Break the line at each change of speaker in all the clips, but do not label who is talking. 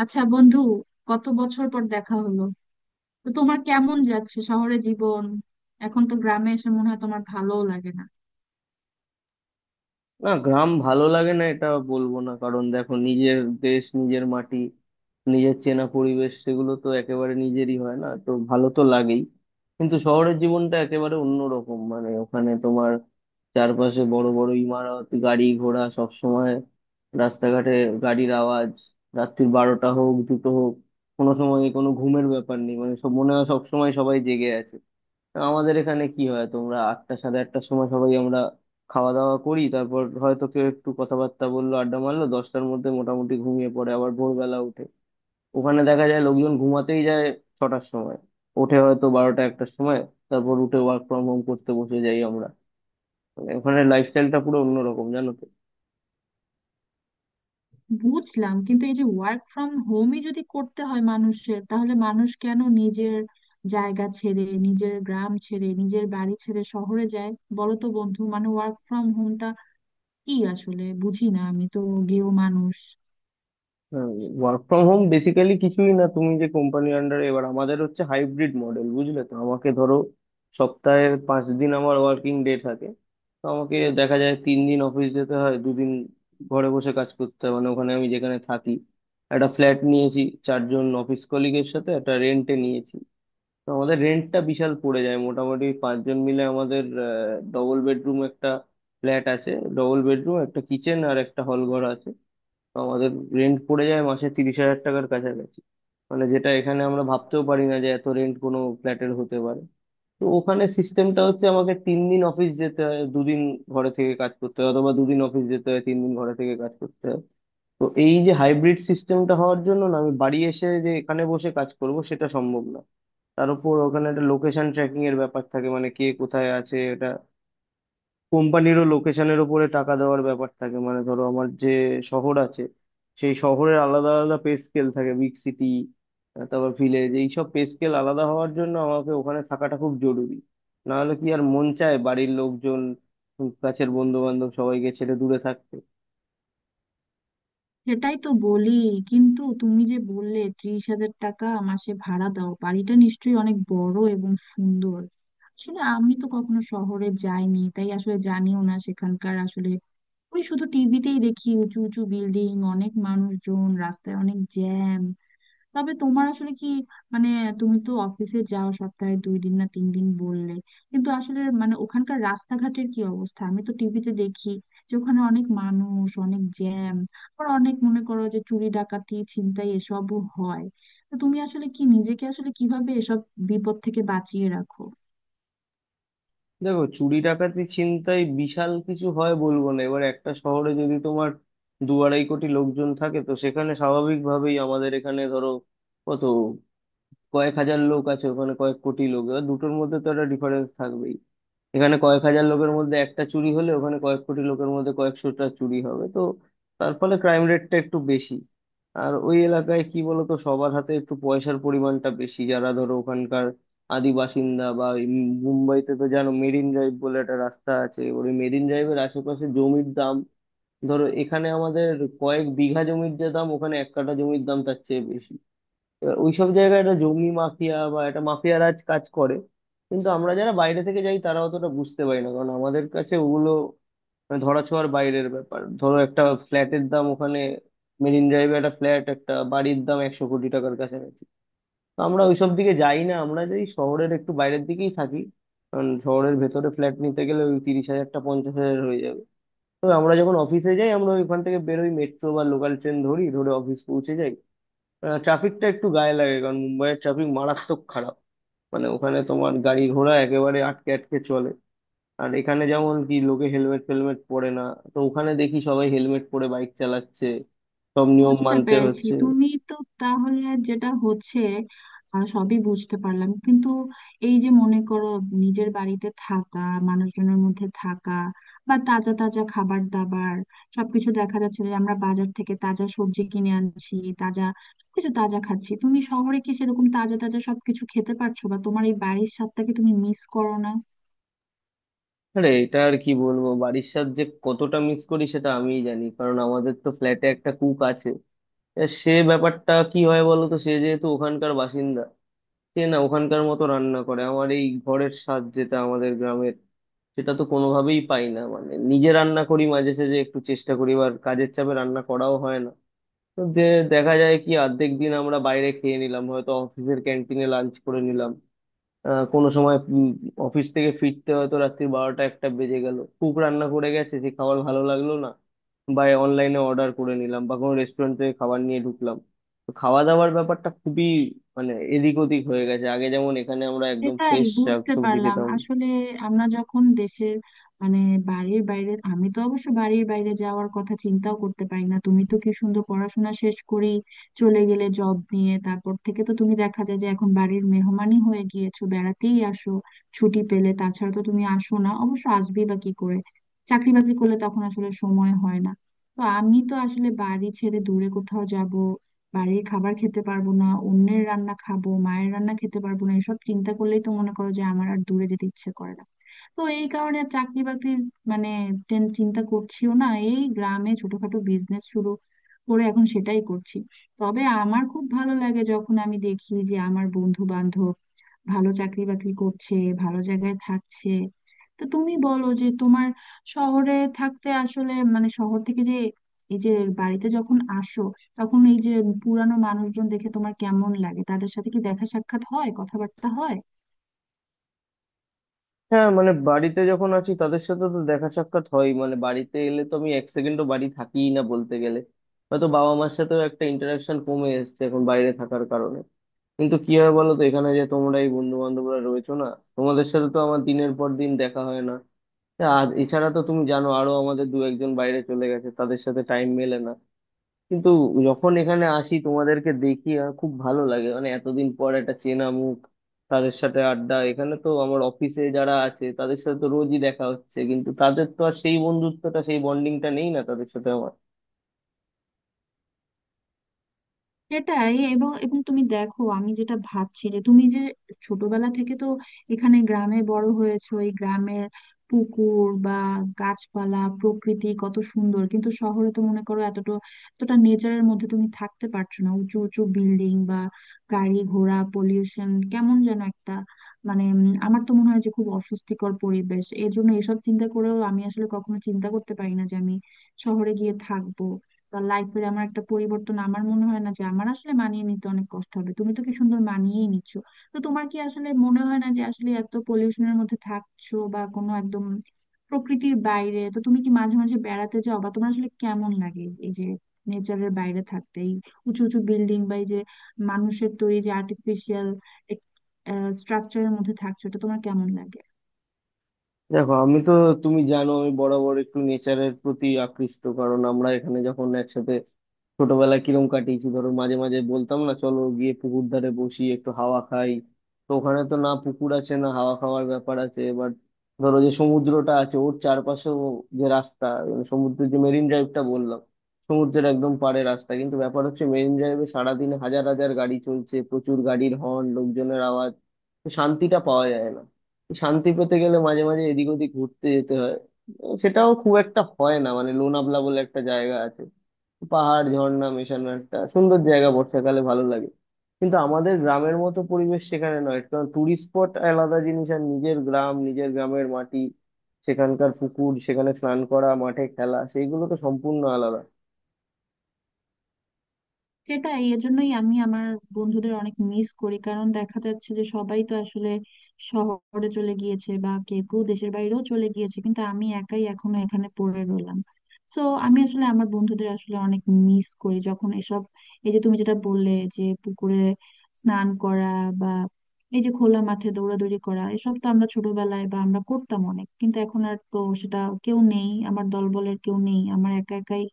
আচ্ছা বন্ধু, কত বছর পর দেখা হলো! তো তোমার কেমন যাচ্ছে শহরে জীবন? এখন তো গ্রামে এসে মনে হয় তোমার ভালোও লাগে না।
না, গ্রাম ভালো লাগে না এটা বলবো না কারণ দেখো নিজের দেশ নিজের মাটি নিজের চেনা পরিবেশ সেগুলো তো একেবারে নিজেরই হয়, না তো ভালো তো লাগেই। কিন্তু শহরের জীবনটা একেবারে অন্যরকম, মানে ওখানে তোমার চারপাশে বড় বড় ইমারত, গাড়ি ঘোড়া সব সময়, রাস্তাঘাটে গাড়ির আওয়াজ, রাত্রির বারোটা হোক দুটো হোক কোনো সময় কোনো ঘুমের ব্যাপার নেই, মানে সব মনে হয় সব সময় সবাই জেগে আছে। আমাদের এখানে কি হয়, তোমরা আটটা সাড়ে আটটার সময় সবাই আমরা খাওয়া দাওয়া করি, তারপর হয়তো কেউ একটু কথাবার্তা বললো, আড্ডা মারলো, দশটার মধ্যে মোটামুটি ঘুমিয়ে পড়ে আবার ভোরবেলা উঠে। ওখানে দেখা যায় লোকজন ঘুমাতেই যায় ছটার সময়, ওঠে হয়তো বারোটা একটার সময়, তারপর উঠে ওয়ার্ক ফ্রম হোম করতে বসে যাই আমরা। মানে ওখানে লাইফস্টাইলটা পুরো অন্যরকম জানো তো।
বুঝলাম, কিন্তু এই যে ওয়ার্ক ফ্রম হোমই যদি করতে হয় মানুষের, তাহলে মানুষ কেন নিজের জায়গা ছেড়ে, নিজের গ্রাম ছেড়ে, নিজের বাড়ি ছেড়ে শহরে যায়? বলো তো বন্ধু, মানে ওয়ার্ক ফ্রম হোমটা কি আসলে বুঝি না আমি তো, গেও মানুষ।
ওয়ার্ক ফ্রম হোম বেসিক্যালি কিছুই না, তুমি যে কোম্পানি আন্ডারে, এবার আমাদের হচ্ছে হাইব্রিড মডেল বুঝলে তো, আমাকে ধরো সপ্তাহে পাঁচ দিন আমার ওয়ার্কিং ডে থাকে। তো আমাকে দেখা যায় তিন দিন অফিস যেতে হয়, দুদিন ঘরে বসে কাজ করতে হয়। মানে ওখানে আমি যেখানে থাকি একটা ফ্ল্যাট নিয়েছি, চারজন অফিস কলিগের সাথে একটা রেন্টে নিয়েছি। তো আমাদের রেন্টটা বিশাল পড়ে যায়, মোটামুটি পাঁচজন মিলে আমাদের ডবল বেডরুম একটা ফ্ল্যাট আছে। ডবল বেডরুম, একটা কিচেন আর একটা হল ঘর আছে। তো আমাদের রেন্ট পড়ে যায় মাসে 30,000 টাকার কাছাকাছি। মানে যেটা এখানে আমরা ভাবতেও পারি না যে এত রেন্ট কোনো ফ্ল্যাটের হতে পারে। তো ওখানে সিস্টেমটা হচ্ছে আমাকে তিন দিন অফিস যেতে হয়, দুদিন ঘরে থেকে কাজ করতে হয়, অথবা দুদিন অফিস যেতে হয়, তিন দিন ঘরে থেকে কাজ করতে হয়। তো এই যে হাইব্রিড সিস্টেমটা হওয়ার জন্য না, আমি বাড়ি এসে যে এখানে বসে কাজ করব সেটা সম্ভব না। তার উপর ওখানে একটা লোকেশন ট্র্যাকিং এর ব্যাপার থাকে, মানে কে কোথায় আছে এটা কোম্পানিরও লোকেশনের উপরে টাকা দেওয়ার ব্যাপার থাকে। মানে ধরো আমার যে শহর আছে সেই শহরের আলাদা আলাদা পে স্কেল থাকে, বিগ সিটি তারপর ভিলেজ, এইসব পে স্কেল আলাদা হওয়ার জন্য আমাকে ওখানে থাকাটা খুব জরুরি। না হলে কি আর মন চায় বাড়ির লোকজন, কাছের বন্ধু বান্ধব সবাইকে ছেড়ে দূরে থাকতে।
সেটাই তো বলি। কিন্তু তুমি যে বললে 30,000 টাকা মাসে ভাড়া দাও, বাড়িটা নিশ্চয়ই অনেক বড় এবং সুন্দর। আসলে আমি তো কখনো শহরে যাইনি, তাই আসলে জানিও না সেখানকার। আসলে ওই শুধু টিভিতেই দেখি উঁচু উঁচু বিল্ডিং, অনেক মানুষজন, রাস্তায় অনেক জ্যাম। তবে তোমার আসলে কি মানে, তুমি তো অফিসে যাও সপ্তাহে 2 দিন না 3 দিন বললে। কিন্তু আসলে মানে ওখানকার রাস্তাঘাটের কি অবস্থা? আমি তো টিভিতে দেখি যে ওখানে অনেক মানুষ, অনেক জ্যাম। আবার অনেক মনে করো যে চুরি, ডাকাতি, ছিনতাই এসবও হয়। তো তুমি আসলে কি, নিজেকে আসলে কিভাবে এসব বিপদ থেকে বাঁচিয়ে রাখো?
দেখো, চুরি ডাকাতি ছিনতাই বিশাল কিছু হয় বলবো না। এবার একটা শহরে যদি তোমার দু আড়াই কোটি লোকজন থাকে, তো সেখানে স্বাভাবিকভাবেই আমাদের এখানে ধরো কত কয়েক হাজার লোক আছে, ওখানে কয়েক কোটি লোক, এবার দুটোর মধ্যে তো একটা ডিফারেন্স থাকবেই। এখানে কয়েক হাজার লোকের মধ্যে একটা চুরি হলে ওখানে কয়েক কোটি লোকের মধ্যে কয়েকশোটা চুরি হবে, তো তার ফলে ক্রাইম রেটটা একটু বেশি। আর ওই এলাকায় কি বলতো, সবার হাতে একটু পয়সার পরিমাণটা বেশি, যারা ধরো ওখানকার আদি বাসিন্দা বা এই মুম্বাইতে তো জানো, মেরিন ড্রাইভ বলে একটা রাস্তা আছে, ওই মেরিন ড্রাইভের আশেপাশে জমির দাম, ধরো এখানে আমাদের কয়েক বিঘা জমির যে দাম ওখানে এক কাঠা জমির দাম তার চেয়ে বেশি। এবার ওইসব জায়গায় একটা জঙ্গি মাফিয়া বা একটা মাফিয়া রাজ কাজ করে। কিন্তু আমরা যারা বাইরে থেকে যাই তারা অতটা বুঝতে পারি না, কারণ আমাদের কাছে ওগুলো মানে ধরাছোঁয়ার বাইরের ব্যাপার। ধরো একটা ফ্ল্যাটের দাম ওখানে মেরিন ড্রাইভে, একটা ফ্ল্যাট, একটা বাড়ির দাম 100 কোটি টাকার কাছাকাছি। তো আমরা ওইসব দিকে যাই না, আমরা যাই শহরের একটু বাইরের দিকেই থাকি, কারণ শহরের ভেতরে ফ্ল্যাট নিতে গেলে ওই 30,000-টা 50,000 হয়ে যাবে। তো আমরা যখন অফিসে যাই আমরা ওইখান থেকে বেরোই, মেট্রো বা লোকাল ট্রেন ধরি, ধরে অফিস পৌঁছে যাই। ট্রাফিকটা একটু গায়ে লাগে, কারণ মুম্বাইয়ের ট্রাফিক মারাত্মক খারাপ। মানে ওখানে তোমার গাড়ি ঘোড়া একেবারে আটকে আটকে চলে। আর এখানে যেমন কি লোকে হেলমেট ফেলমেট পরে না, তো ওখানে দেখি সবাই হেলমেট পরে বাইক চালাচ্ছে, সব নিয়ম
বুঝতে
মানতে
পেরেছি
হচ্ছে।
তুমি তো। তাহলে যেটা হচ্ছে, সবই বুঝতে পারলাম, কিন্তু এই যে মনে করো নিজের বাড়িতে থাকা, মানুষজনের মধ্যে থাকা, বা তাজা তাজা খাবার দাবার সবকিছু, দেখা যাচ্ছে যে আমরা বাজার থেকে তাজা সবজি কিনে আনছি, তাজা সবকিছু তাজা খাচ্ছি। তুমি শহরে কি সেরকম তাজা তাজা সবকিছু খেতে পারছো, বা তোমার এই বাড়ির স্বাদটাকে তুমি মিস করো না?
আরে এটা আর কি বলবো, বাড়ির সাথে যে কতটা মিস করি সেটা আমিই জানি, কারণ আমাদের তো ফ্ল্যাটে একটা কুক আছে। এবার সে ব্যাপারটা কি হয় বলো তো, সে যেহেতু ওখানকার বাসিন্দা, সে না ওখানকার মতো রান্না করে, আমার এই ঘরের স্বাদ যেটা আমাদের গ্রামের, সেটা তো কোনোভাবেই পাই না। মানে নিজে রান্না করি মাঝে সাঝে একটু চেষ্টা করি, এবার কাজের চাপে রান্না করাও হয় না। তো যে দেখা যায় কি অর্ধেক দিন আমরা বাইরে খেয়ে নিলাম, হয়তো অফিসের ক্যান্টিনে লাঞ্চ করে নিলাম, কোনো সময় অফিস থেকে ফিরতে হয়তো রাত্রি বারোটা একটা বেজে গেল, কুক রান্না করে গেছে, সে খাবার ভালো লাগলো না, বা অনলাইনে অর্ডার করে নিলাম, বা কোনো রেস্টুরেন্ট থেকে খাবার নিয়ে ঢুকলাম। তো খাওয়া দাওয়ার ব্যাপারটা খুবই মানে এদিক ওদিক হয়ে গেছে, আগে যেমন এখানে আমরা একদম
এটাই
ফ্রেশ
বুঝতে
শাকসবজি
পারলাম
খেতাম।
আসলে। আমরা যখন দেশের মানে বাড়ির বাইরে, আমি তো অবশ্য বাড়ির বাইরে যাওয়ার কথা চিন্তাও করতে পারি না। তুমি তো কি সুন্দর পড়াশোনা শেষ করেই চলে গেলে জব নিয়ে, তারপর থেকে তো তুমি দেখা যায় যে এখন বাড়ির মেহমানই হয়ে গিয়েছো, বেড়াতেই আসো ছুটি পেলে, তাছাড়া তো তুমি আসো না। অবশ্য আসবেই বা কি করে, চাকরি বাকরি করলে তখন আসলে সময় হয় না। তো আমি তো আসলে বাড়ি ছেড়ে দূরে কোথাও যাব, বাড়ির খাবার খেতে পারবো না, অন্যের রান্না খাবো, মায়ের রান্না খেতে পারবো না, এসব চিন্তা করলেই তো মনে করো যে আমার আর দূরে যেতে ইচ্ছে করে না। তো এই কারণে আর চাকরি বাকরির মানে চিন্তা করছিও না। এই গ্রামে ছোটখাটো বিজনেস শুরু করে এখন সেটাই করছি। তবে আমার খুব ভালো লাগে যখন আমি দেখি যে আমার বন্ধু বান্ধব ভালো চাকরি বাকরি করছে, ভালো জায়গায় থাকছে। তো তুমি বলো যে তোমার শহরে থাকতে আসলে মানে শহর থেকে যে, এই যে বাড়িতে যখন আসো, তখন এই যে পুরানো মানুষজন দেখে তোমার কেমন লাগে? তাদের সাথে কি দেখা সাক্ষাৎ হয়, কথাবার্তা হয়?
হ্যাঁ, মানে বাড়িতে যখন আছি তাদের সাথে তো দেখা সাক্ষাৎ হয়, মানে বাড়িতে এলে তো আমি এক সেকেন্ডও বাড়ি থাকিই না বলতে গেলে। হয়তো বাবা মার সাথেও একটা ইন্টারাকশন কমে এসেছে এখন বাইরে থাকার কারণে। কিন্তু কি হয় বলো তো, এখানে যে তোমরা এই বন্ধু বান্ধবরা রয়েছো না, তোমাদের সাথে তো আমার দিনের পর দিন দেখা হয় না। আর এছাড়া তো তুমি জানো আরো আমাদের দু একজন বাইরে চলে গেছে, তাদের সাথে টাইম মেলে না। কিন্তু যখন এখানে আসি তোমাদেরকে দেখি আর খুব ভালো লাগে, মানে এতদিন পর একটা চেনা মুখ, তাদের সাথে আড্ডা। এখানে তো আমার অফিসে যারা আছে তাদের সাথে তো রোজই দেখা হচ্ছে, কিন্তু তাদের তো আর সেই বন্ধুত্বটা সেই বন্ডিংটা নেই না, তাদের সাথে আমার।
সেটাই। এবং এবং তুমি দেখো আমি যেটা ভাবছি, যে তুমি যে ছোটবেলা থেকে তো এখানে গ্রামে বড় হয়েছো, এই গ্রামের পুকুর বা গাছপালা প্রকৃতি কত সুন্দর, কিন্তু শহরে তো মনে করো এতটা এতটা নেচারের মধ্যে তুমি থাকতে পারছো না, উঁচু উঁচু বিল্ডিং বা গাড়ি ঘোড়া পলিউশন কেমন যেন একটা মানে, আমার তো মনে হয় যে খুব অস্বস্তিকর পরিবেশ। এর জন্য এসব চিন্তা করেও আমি আসলে কখনো চিন্তা করতে পারি না যে আমি শহরে গিয়ে থাকবো। লাইফে আমার একটা পরিবর্তন আমার মনে হয় না যে আমার আসলে মানিয়ে নিতে অনেক কষ্ট হবে, তুমি তো কি সুন্দর মানিয়েই নিচ্ছ। তো তোমার কি আসলে মনে হয় না যে আসলে এত পলিউশনের মধ্যে থাকছো, বা কোনো একদম প্রকৃতির বাইরে? তো তুমি কি মাঝে মাঝে বেড়াতে যাও, বা তোমার আসলে কেমন লাগে এই যে নেচারের বাইরে থাকতে, এই উঁচু উঁচু বিল্ডিং বা এই যে মানুষের তৈরি যে আর্টিফিশিয়াল স্ট্রাকচারের মধ্যে থাকছো, এটা তোমার কেমন লাগে?
দেখো, আমি তো, তুমি জানো আমি বরাবর একটু নেচারের প্রতি আকৃষ্ট, কারণ আমরা এখানে যখন একসাথে ছোটবেলায় কিরম কাটিয়েছি, ধরো মাঝে মাঝে বলতাম না চলো গিয়ে পুকুর ধারে বসি একটু হাওয়া খাই। তো ওখানে তো না পুকুর আছে না হাওয়া খাওয়ার ব্যাপার আছে। এবার ধরো যে সমুদ্রটা আছে, ওর চারপাশেও যে রাস্তা, মানে সমুদ্রের যে মেরিন ড্রাইভটা বললাম, সমুদ্রের একদম পাড়ে রাস্তা, কিন্তু ব্যাপার হচ্ছে মেরিন ড্রাইভে সারাদিন হাজার হাজার গাড়ি চলছে, প্রচুর গাড়ির হর্ন, লোকজনের আওয়াজ, তো শান্তিটা পাওয়া যায় না। শান্তি পেতে গেলে মাঝে মাঝে এদিক ওদিক ঘুরতে যেতে হয়, সেটাও খুব একটা হয় না। মানে লোনাভলা বলে একটা জায়গা আছে, পাহাড় ঝর্ণা মেশানো একটা সুন্দর জায়গা, বর্ষাকালে ভালো লাগে। কিন্তু আমাদের গ্রামের মতো পরিবেশ সেখানে নয়, কারণ টুরিস্ট স্পট আলাদা জিনিস, আর নিজের গ্রাম নিজের গ্রামের মাটি সেখানকার পুকুর, সেখানে স্নান করা, মাঠে খেলা, সেইগুলো তো সম্পূর্ণ আলাদা।
সেটাই, এজন্যই আমি আমার বন্ধুদের অনেক মিস করি, কারণ দেখা যাচ্ছে যে সবাই তো আসলে শহরে চলে গিয়েছে, বা কেউ কেউ দেশের বাইরেও চলে গিয়েছে, কিন্তু আমি একাই এখনো এখানে পড়ে রইলাম। তো আমি আসলে আমার বন্ধুদের আসলে অনেক মিস করি যখন এসব, এই যে তুমি যেটা বললে যে পুকুরে স্নান করা, বা এই যে খোলা মাঠে দৌড়াদৌড়ি করা, এসব তো আমরা ছোটবেলায় বা আমরা করতাম অনেক, কিন্তু এখন আর তো সেটা কেউ নেই আমার দলবলের, কেউ নেই আমার, একা একাই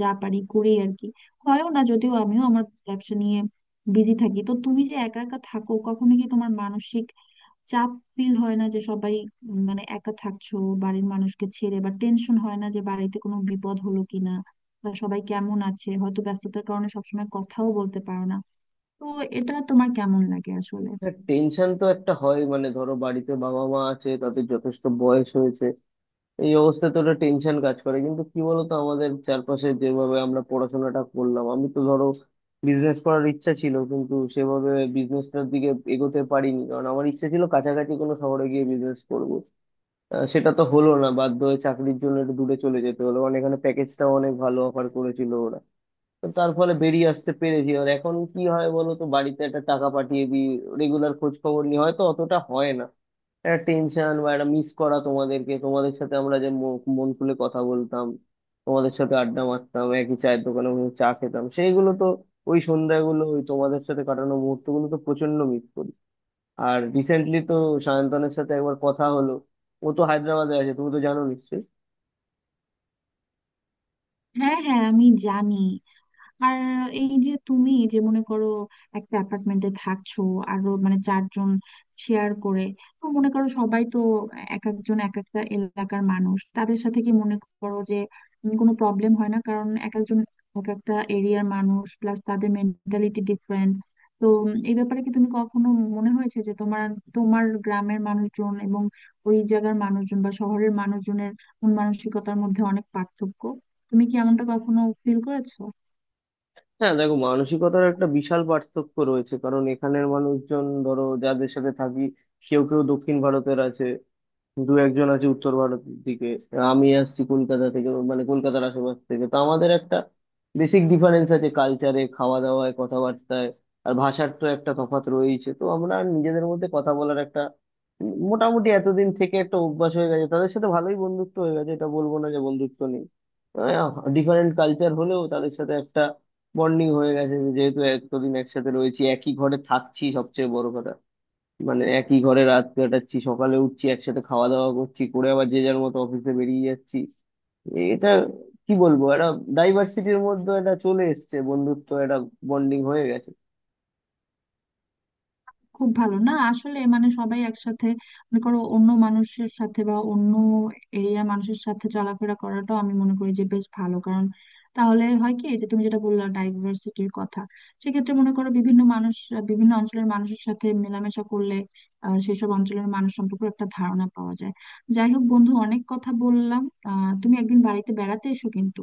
যা পারি করি আর কি। হয়ও না, যদিও আমিও আমার ব্যবসা নিয়ে বিজি থাকি। তো তুমি যে একা একা থাকো, কখনো কি তোমার মানসিক চাপ ফিল হয় না, যে সবাই মানে একা থাকছো বাড়ির মানুষকে ছেড়ে, বা টেনশন হয় না যে বাড়িতে কোনো বিপদ হলো কিনা, বা সবাই কেমন আছে, হয়তো ব্যস্ততার কারণে সবসময় কথাও বলতে পারো না? তো এটা তোমার কেমন লাগে আসলে?
হ্যাঁ, টেনশন তো একটা হয়, মানে ধরো বাড়িতে বাবা মা আছে তাদের যথেষ্ট বয়স হয়েছে, এই অবস্থায় তো একটা টেনশন কাজ করে। কিন্তু কি বলতো, আমাদের চারপাশে যেভাবে আমরা পড়াশোনাটা করলাম, আমি তো ধরো বিজনেস করার ইচ্ছা ছিল, কিন্তু সেভাবে বিজনেসটার দিকে এগোতে পারিনি, কারণ আমার ইচ্ছা ছিল কাছাকাছি কোনো শহরে গিয়ে বিজনেস করব। সেটা তো হলো না, বাধ্য হয়ে চাকরির জন্য একটু দূরে চলে যেতে হলো, কারণ এখানে প্যাকেজটাও অনেক ভালো অফার করেছিল ওরা। তো তার ফলে বেরিয়ে আসতে পেরেছি। আর এখন কি হয় বলো তো, বাড়িতে একটা টাকা পাঠিয়ে দিই, রেগুলার খোঁজ খবর নিই, হয়তো অতটা হয় না। একটা টেনশন বা একটা মিস করা তোমাদেরকে, তোমাদের সাথে আমরা যে মন খুলে কথা বলতাম, তোমাদের সাথে আড্ডা মারতাম, একই চায়ের দোকানে বসে চা খেতাম, সেইগুলো তো, ওই সন্ধ্যাগুলো, ওই তোমাদের সাথে কাটানো মুহূর্তগুলো তো প্রচন্ড মিস করি। আর রিসেন্টলি তো সায়ন্তনের সাথে একবার কথা হলো, ও তো হায়দ্রাবাদে আছে, তুমি তো জানো নিশ্চয়ই।
হ্যাঁ হ্যাঁ, আমি জানি। আর এই যে তুমি যে মনে করো একটা অ্যাপার্টমেন্টে থাকছো, আরো মানে 4 জন শেয়ার করে, তো মনে করো সবাই তো এক একজন এক একটা এলাকার মানুষ, তাদের সাথে কি মনে করো যে কোনো প্রবলেম হয় না? কারণ এক একজন এক একটা এরিয়ার মানুষ, প্লাস তাদের মেন্টালিটি ডিফারেন্ট। তো এই ব্যাপারে কি তুমি কখনো মনে হয়েছে যে তোমার, তোমার গ্রামের মানুষজন এবং ওই জায়গার মানুষজন বা শহরের মানুষজনের মন মানসিকতার মধ্যে অনেক পার্থক্য? তুমি কি এমনটা কখনো ফিল করেছো?
হ্যাঁ, দেখো মানসিকতার একটা বিশাল পার্থক্য রয়েছে, কারণ এখানের মানুষজন ধরো যাদের সাথে থাকি, কেউ কেউ দক্ষিণ ভারতের আছে, দু একজন আছে উত্তর ভারতের দিকে, আমি আসছি কলকাতা থেকে, মানে কলকাতার আশেপাশ থেকে। তো আমাদের একটা বেসিক ডিফারেন্স আছে কালচারে, খাওয়া দাওয়ায়, কথাবার্তায়, আর ভাষার তো একটা তফাৎ রয়েছে। তো আমরা নিজেদের মধ্যে কথা বলার একটা মোটামুটি এতদিন থেকে একটা অভ্যাস হয়ে গেছে, তাদের সাথে ভালোই বন্ধুত্ব হয়ে গেছে, এটা বলবো না যে বন্ধুত্ব নেই। ডিফারেন্ট কালচার হলেও তাদের সাথে একটা বন্ডিং হয়ে গেছে, যেহেতু এতদিন একসাথে রয়েছি, একই ঘরে থাকছি, সবচেয়ে বড় কথা, মানে একই ঘরে রাত কাটাচ্ছি, সকালে উঠছি একসাথে, খাওয়া দাওয়া করছি, করে আবার যে যার মতো অফিসে বেরিয়ে যাচ্ছি। এটা কি বলবো, একটা ডাইভার্সিটির মধ্যে এটা চলে এসছে, বন্ধুত্ব একটা বন্ডিং হয়ে গেছে।
খুব ভালো না আসলে মানে, সবাই একসাথে মনে করো অন্য মানুষের সাথে, বা অন্য এরিয়ার মানুষের সাথে চলাফেরা করাটাও আমি মনে করি যে বেশ ভালো। কারণ তাহলে হয় কি যে, তুমি যেটা বললা ডাইভার্সিটির কথা, সেক্ষেত্রে মনে করো বিভিন্ন মানুষ, বিভিন্ন অঞ্চলের মানুষের সাথে মেলামেশা করলে সেসব অঞ্চলের মানুষ সম্পর্কে একটা ধারণা পাওয়া যায়। যাই হোক বন্ধু, অনেক কথা বললাম। তুমি একদিন বাড়িতে বেড়াতে এসো কিন্তু।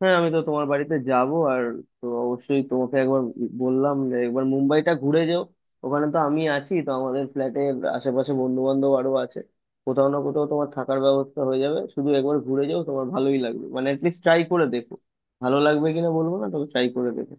হ্যাঁ, আমি তো তোমার বাড়িতে যাব, আর তো অবশ্যই তোমাকে একবার বললাম যে একবার মুম্বাইটা ঘুরে যাও, ওখানে তো আমি আছি, তো আমাদের ফ্ল্যাটের আশেপাশে বন্ধু বান্ধব আরো আছে, কোথাও না কোথাও তোমার থাকার ব্যবস্থা হয়ে যাবে। শুধু একবার ঘুরে যাও, তোমার ভালোই লাগবে, মানে অ্যাটলিস্ট ট্রাই করে দেখো। ভালো লাগবে কিনা বলবো না, তবে ট্রাই করে দেখো।